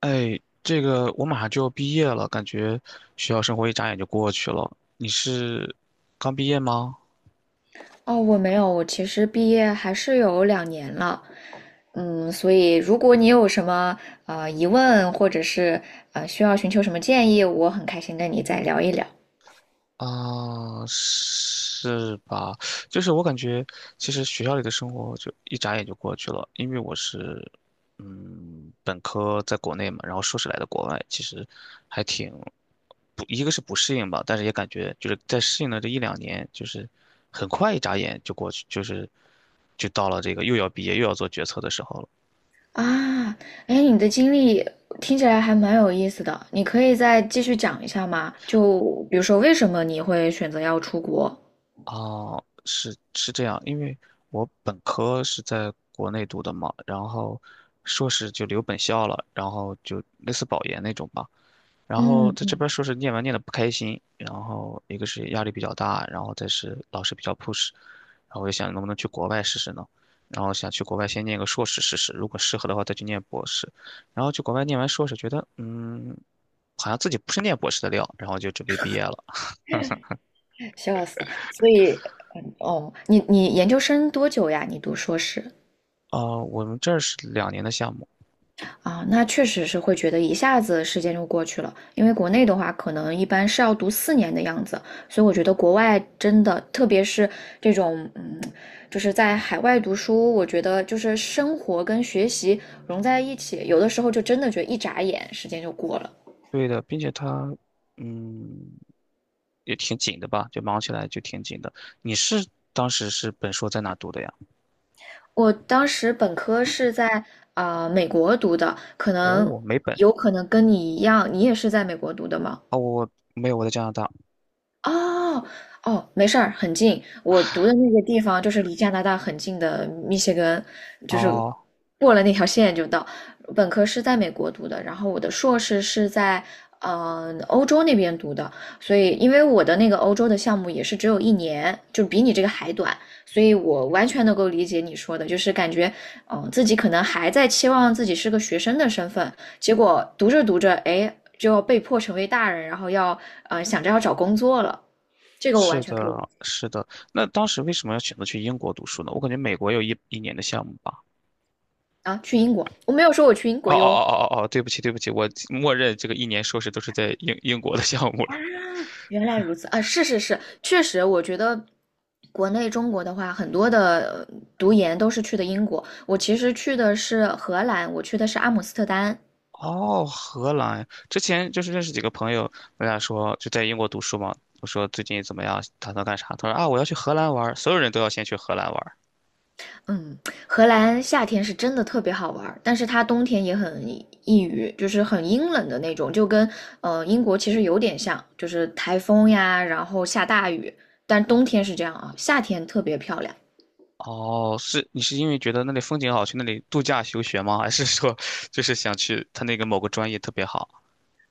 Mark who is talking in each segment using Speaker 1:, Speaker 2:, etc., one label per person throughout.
Speaker 1: 哎，这个我马上就要毕业了，感觉学校生活一眨眼就过去了。你是刚毕业吗？
Speaker 2: 哦，我没有，我其实毕业还是有两年了，嗯，所以如果你有什么疑问，或者是需要寻求什么建议，我很开心跟你再聊一聊
Speaker 1: 啊，是吧？就是我感觉，其实学校里的生活就一眨眼就过去了，因为我是，本科在国内嘛，然后硕士来的国外，其实还挺不，一个是不适应吧，但是也感觉就是在适应了这一两年，就是很快一眨眼就过去，就到了这个又要毕业又要做决策的时候了。
Speaker 2: 啊。哎，你的经历听起来还蛮有意思的，你可以再继续讲一下吗？就比如说为什么你会选择要出国？
Speaker 1: 哦，是是这样，因为我本科是在国内读的嘛，然后硕士就留本校了，然后就类似保研那种吧。然后在这
Speaker 2: 嗯，
Speaker 1: 边硕士念完念的不开心，然后一个是压力比较大，然后再是老师比较 push，然后我就想能不能去国外试试呢？然后想去国外先念个硕士试试，如果适合的话再去念博士。然后去国外念完硕士，觉得好像自己不是念博士的料，然后就准备毕业了。
Speaker 2: 笑死。所以，嗯哦，你研究生多久呀？你读硕士？
Speaker 1: 我们这儿是两年的项目。
Speaker 2: 啊，那确实是会觉得一下子时间就过去了，因为国内的话，可能一般是要读四年的样子，所以我觉得国外真的，特别是这种，嗯，就是在海外读书，我觉得就是生活跟学习融在一起，有的时候就真的觉得一眨眼时间就过了。
Speaker 1: 对的，并且他，嗯，也挺紧的吧，就忙起来就挺紧的。你是当时是本硕在哪读的呀？
Speaker 2: 我当时本科是在啊，美国读的，可能
Speaker 1: 哦，没本，
Speaker 2: 有可能跟你一样，你也是在美国读的吗？
Speaker 1: 没有，我在加拿大。
Speaker 2: 哦哦，没事儿，很近。我读的那个地方就是离加拿大很近的密歇根，就是
Speaker 1: 哦，
Speaker 2: 过了那条线就到。本科是在美国读的，然后我的硕士是在欧洲那边读的，所以因为我的那个欧洲的项目也是只有一年，就比你这个还短，所以我完全能够理解你说的，就是感觉自己可能还在期望自己是个学生的身份，结果读着读着，哎。就要被迫成为大人，然后要想着要找工作了，这个我完
Speaker 1: 是
Speaker 2: 全可以
Speaker 1: 的，是的。那当时为什么要选择去英国读书呢？我感觉美国有一年的项目吧。
Speaker 2: 啊。去英国，我没有说我去英
Speaker 1: 哦
Speaker 2: 国
Speaker 1: 哦
Speaker 2: 哟。
Speaker 1: 哦哦哦，哦，对不起，对不起，我默认这个一年硕士都是在英国的项目了。
Speaker 2: 原来如此啊，是是是，确实，我觉得国内中国的话，很多的读研都是去的英国。我其实去的是荷兰，我去的是阿姆斯特丹。
Speaker 1: 哦，荷兰，之前就是认识几个朋友，我俩说就在英国读书嘛，我说最近怎么样，打算干啥？他说啊，我要去荷兰玩儿，所有人都要先去荷兰玩儿。
Speaker 2: 嗯，荷兰夏天是真的特别好玩儿，但是它冬天也很抑郁，就是很阴冷的那种，就跟英国其实有点像，就是台风呀，然后下大雨，但冬天是这样啊，夏天特别漂亮。
Speaker 1: 哦，是你是因为觉得那里风景好，去那里度假休学吗？还是说 就是想去他那个某个专业特别好？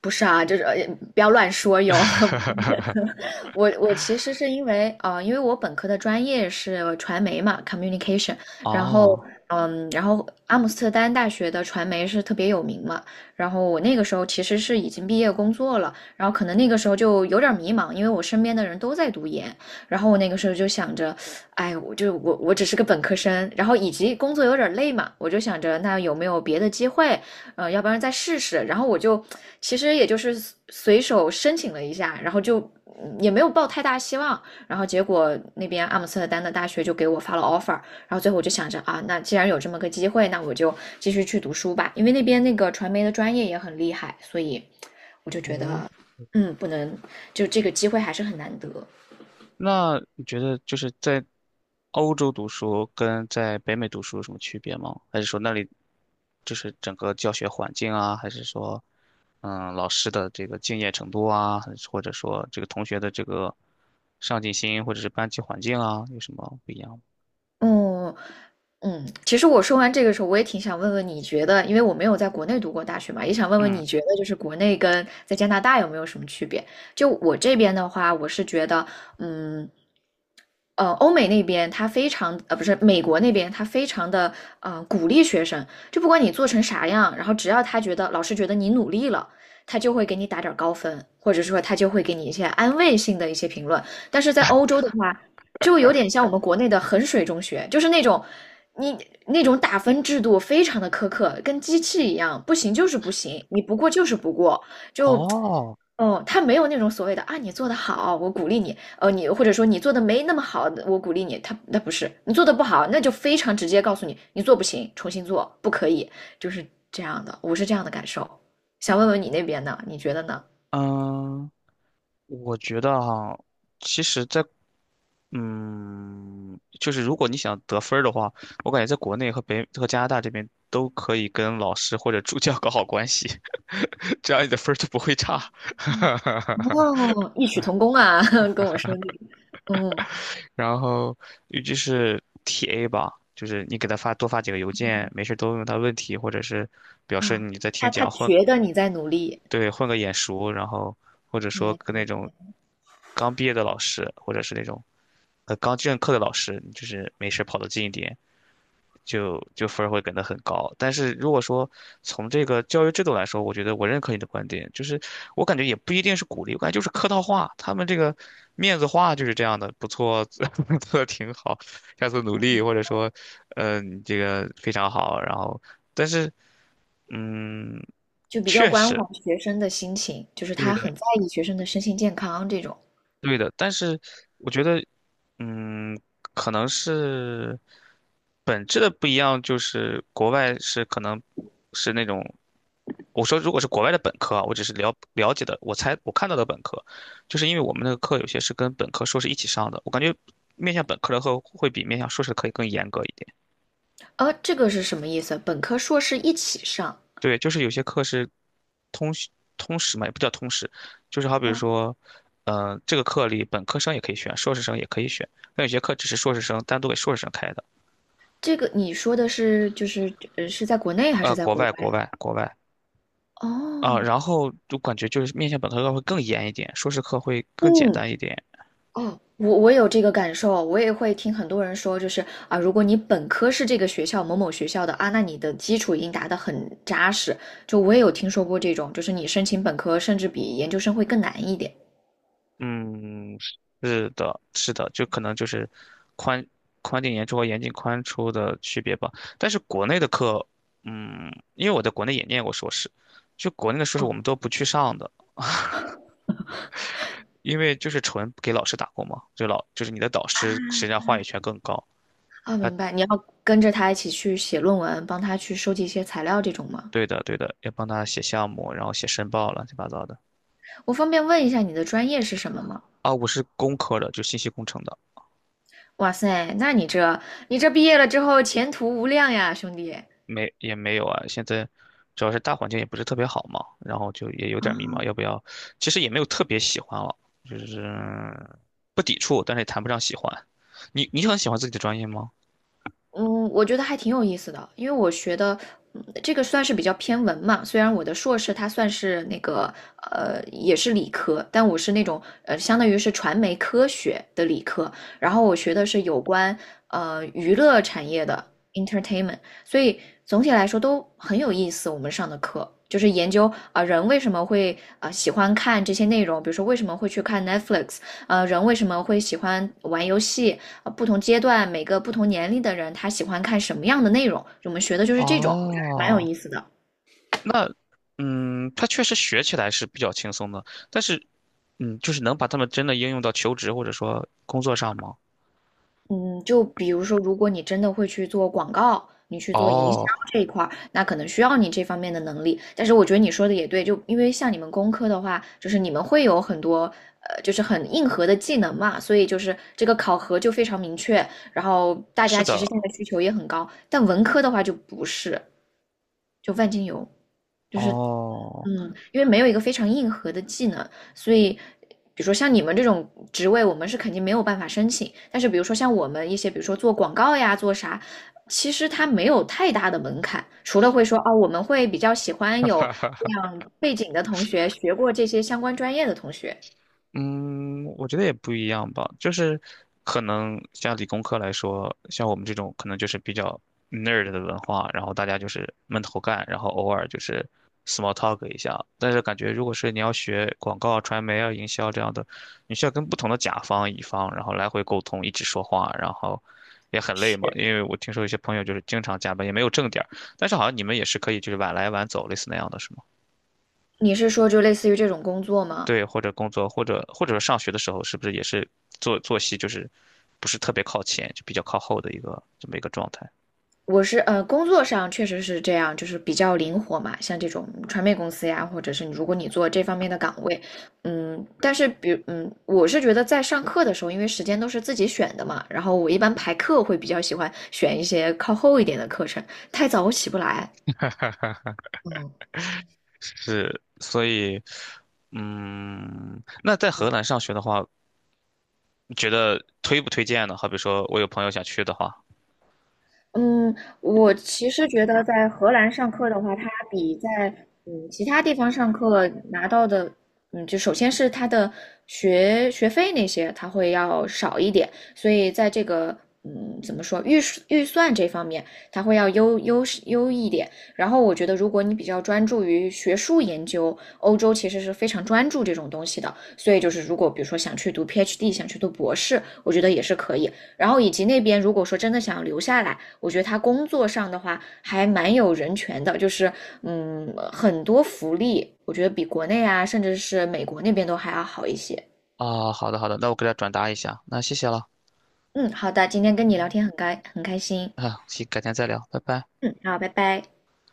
Speaker 2: 不是啊，就是不要乱说哟，我其实是因为啊，因为我本科的专业是传媒嘛，communication,然后
Speaker 1: 哦，
Speaker 2: 嗯，然后阿姆斯特丹大学的传媒是特别有名嘛，然后我那个时候其实是已经毕业工作了，然后可能那个时候就有点迷茫，因为我身边的人都在读研，然后我那个时候就想着，哎，我就我只是个本科生，然后以及工作有点累嘛，我就想着那有没有别的机会，呃，要不然再试试，然后我就其实也就是随手申请了一下，然后就。也没有抱太大希望，然后结果那边阿姆斯特丹的大学就给我发了 offer,然后最后我就想着啊，那既然有这么个机会，那我就继续去读书吧，因为那边那个传媒的专业也很厉害，所以我就觉得，嗯，不能，就这个机会还是很难得。
Speaker 1: 那你觉得就是在欧洲读书跟在北美读书有什么区别吗？还是说那里就是整个教学环境啊，还是说老师的这个敬业程度啊，还是或者说这个同学的这个上进心，或者是班级环境啊，有什么不一样吗？
Speaker 2: 嗯嗯，其实我说完这个时候，我也挺想问问你觉得，因为我没有在国内读过大学嘛，也想问问
Speaker 1: 嗯，
Speaker 2: 你觉得，就是国内跟在加拿大有没有什么区别？就我这边的话，我是觉得，嗯，呃，欧美那边他非常，呃，不是美国那边他非常的，呃，鼓励学生，就不管你做成啥样，然后只要他觉得老师觉得你努力了，他就会给你打点儿高分，或者说他就会给你一些安慰性的一些评论。但是在欧洲就有点像我们国内的衡水中学，就是那种你那种打分制度非常的苛刻，跟机器一样，不行就是不行，你不过就是不过，就。
Speaker 1: 哦，
Speaker 2: 哦，他没有那种所谓的啊，你做的好，我鼓励你。呃，你或者说你做的没那么好，我鼓励你。他那不是你做的不好，那就非常直接告诉你，你做不行，重新做，不可以，就是这样的。我是这样的感受。想问问你那边呢？你觉得呢？
Speaker 1: 嗯。我觉得哈，其实在，就是如果你想得分儿的话，我感觉在国内和加拿大这边都可以跟老师或者助教 搞好关系，这样你的分儿就不会差。
Speaker 2: 嗯 哦，异曲同工啊，跟我说那个，嗯。
Speaker 1: 然后，尤其是 TA 吧，就是你给他发几个邮件，没事都问问他问题，或者是表示
Speaker 2: 啊，
Speaker 1: 你在听
Speaker 2: 他
Speaker 1: 讲或
Speaker 2: 觉得你在努力，
Speaker 1: 对，混个眼熟，然后或者
Speaker 2: 嗯，
Speaker 1: 说跟那种刚毕业的老师，或者是那种刚正课的老师，就是没事儿跑得近一点，就分儿会给得很高。但是如果说从这个教育制度来说，我觉得我认可你的观点，就是我感觉也不一定是鼓励，我感觉就是客套话，他们这个面子话就是这样的，不错，做的挺好，下次努力，或者说，你这个非常好，然后但是嗯，
Speaker 2: 就比较
Speaker 1: 确
Speaker 2: 关怀
Speaker 1: 实。
Speaker 2: 学生的心情，就是
Speaker 1: 对
Speaker 2: 他
Speaker 1: 的，
Speaker 2: 很在意学生的身心健康这种。
Speaker 1: 对的，但是我觉得，嗯，可能是本质的不一样，就是国外是可能是那种，我说如果是国外的本科啊，我只是了解的，我猜我看到的本科，就是因为我们那个课有些是跟本科、硕士一起上的，我感觉面向本科的课会比面向硕士的以更严格一点。
Speaker 2: 呃，这个是什么意思？本科、硕士一起上？
Speaker 1: 对，就是有些课是通识通识嘛，也不叫通识，就是好比如
Speaker 2: 哦，
Speaker 1: 说，这个课里本科生也可以选，硕士生也可以选。那有些课只是硕士生单独给硕士生开的。
Speaker 2: 这个你说的是就是是在国内还是在
Speaker 1: 国
Speaker 2: 国外？
Speaker 1: 外啊，
Speaker 2: 哦，
Speaker 1: 然后就感觉就是面向本科课会更严一点，硕士课会更简
Speaker 2: 嗯，
Speaker 1: 单一点。
Speaker 2: 哦，我我有这个感受，我也会听很多人说，就是啊，如果你本科是这个学校某某学校的啊，那你的基础已经打得很扎实。就我也有听说过这种，就是你申请本科甚至比研究生会更难一点。
Speaker 1: 嗯，是的，是的，就可能就是宽宽进严出和严进宽出的区别吧。但是国内的课，因为我在国内也念过硕士，就国内的硕士我们都不去上的。因为就是纯给老师打工嘛，就是你的导师实际上话语权更高。
Speaker 2: 啊，
Speaker 1: 他
Speaker 2: 明白，你要跟着他一起去写论文，帮他去收集一些材料这种吗？
Speaker 1: 对的对的，要帮他写项目，然后写申报，乱七八糟的。
Speaker 2: 我方便问一下你的专业是什么吗？
Speaker 1: 啊，我是工科的，就信息工程的，
Speaker 2: 哇塞，那你这毕业了之后前途无量呀，兄弟。
Speaker 1: 没也没有啊。现在主要是大环境也不是特别好嘛，然后就也有点迷茫，要不要？其实也没有特别喜欢了，就是不抵触，但是也谈不上喜欢。你很喜欢自己的专业吗？
Speaker 2: 嗯，我觉得还挺有意思的，因为我学的，嗯，这个算是比较偏文嘛。虽然我的硕士它算是那个，呃，也是理科，但我是那种，呃，相当于是传媒科学的理科。然后我学的是有关，呃，娱乐产业的 entertainment,所以总体来说都很有意思。我们上的课就是研究啊，人为什么会啊喜欢看这些内容，比如说为什么会去看 Netflix,呃，人为什么会喜欢玩游戏？呃，不同阶段，每个不同年龄的人，他喜欢看什么样的内容？我们学的就是这种，我觉得还蛮有
Speaker 1: 哦，
Speaker 2: 意思的。
Speaker 1: 那，他确实学起来是比较轻松的，但是，就是能把他们真的应用到求职或者说工作上吗？
Speaker 2: 嗯，就比如说，如果你真的会去做广告，你去做营销
Speaker 1: 哦，
Speaker 2: 这一块儿，那可能需要你这方面的能力。但是我觉得你说的也对，就因为像你们工科的话，就是你们会有很多，就是很硬核的技能嘛，所以就是这个考核就非常明确，然后大
Speaker 1: 是
Speaker 2: 家其实
Speaker 1: 的，
Speaker 2: 现在需求也很高。但文科的话就不是，就万金油。
Speaker 1: 哦，
Speaker 2: 嗯，因为没有一个非常硬核的技能，所以，比如说像你们这种职位，我们是肯定没有办法申请。但是，比如说像我们一些，比如说做广告呀，做啥，其实它没有太大的门槛，除了会说哦，我们会比较喜欢有这样背景的同学，学过这些相关专业的同学。
Speaker 1: 嗯，我觉得也不一样吧，就是可能像理工科来说，像我们这种可能就是比较 nerd 的文化，然后大家就是闷头干，然后偶尔就是 small talk 一下。但是感觉如果是你要学广告、传媒啊、营销这样的，你需要跟不同的甲方、乙方，然后来回沟通，一直说话，然后也很累嘛。
Speaker 2: 是，
Speaker 1: 因为我听说有些朋友就是经常加班，也没有正点儿，但是好像你们也是可以就是晚来晚走，类似那样的，是吗？
Speaker 2: 你是说就类似于这种工作吗？
Speaker 1: 对，或者工作，或者上学的时候，是不是也是作息就是不是特别靠前，就比较靠后的一个这么一个状态？
Speaker 2: 我是，工作上确实是这样，就是比较灵活嘛，像这种传媒公司呀，或者是你如果你做这方面的岗位，嗯，但是比嗯，我是觉得在上课的时候，因为时间都是自己选的嘛，然后我一般排课会比较喜欢选一些靠后一点的课程，太早我起不来。
Speaker 1: 是，所以，那在荷兰上学的话，你觉得推不推荐呢？好比说我有朋友想去的话，
Speaker 2: 嗯，我其实觉得在荷兰上课的话，它比在其他地方上课拿到的，嗯，就首先是它的学费那些，它会要少一点，所以在这个怎么说预算这方面，它会要优一点。然后我觉得，如果你比较专注于学术研究，欧洲其实是非常专注这种东西的，所以就是如果比如说想去读 PhD,想去读博士，我觉得也是可以。然后以及那边如果说真的想留下来。我觉得他工作上的话还蛮有人权的，就是嗯，很多福利，我觉得比国内啊，甚至是美国那边都还要好一些。
Speaker 1: 啊，好的好的，那我给他转达一下，那谢谢了，
Speaker 2: 嗯，好的，今天跟你聊天很开心。
Speaker 1: 啊，行，改天再聊，拜拜。
Speaker 2: 嗯，好，拜拜。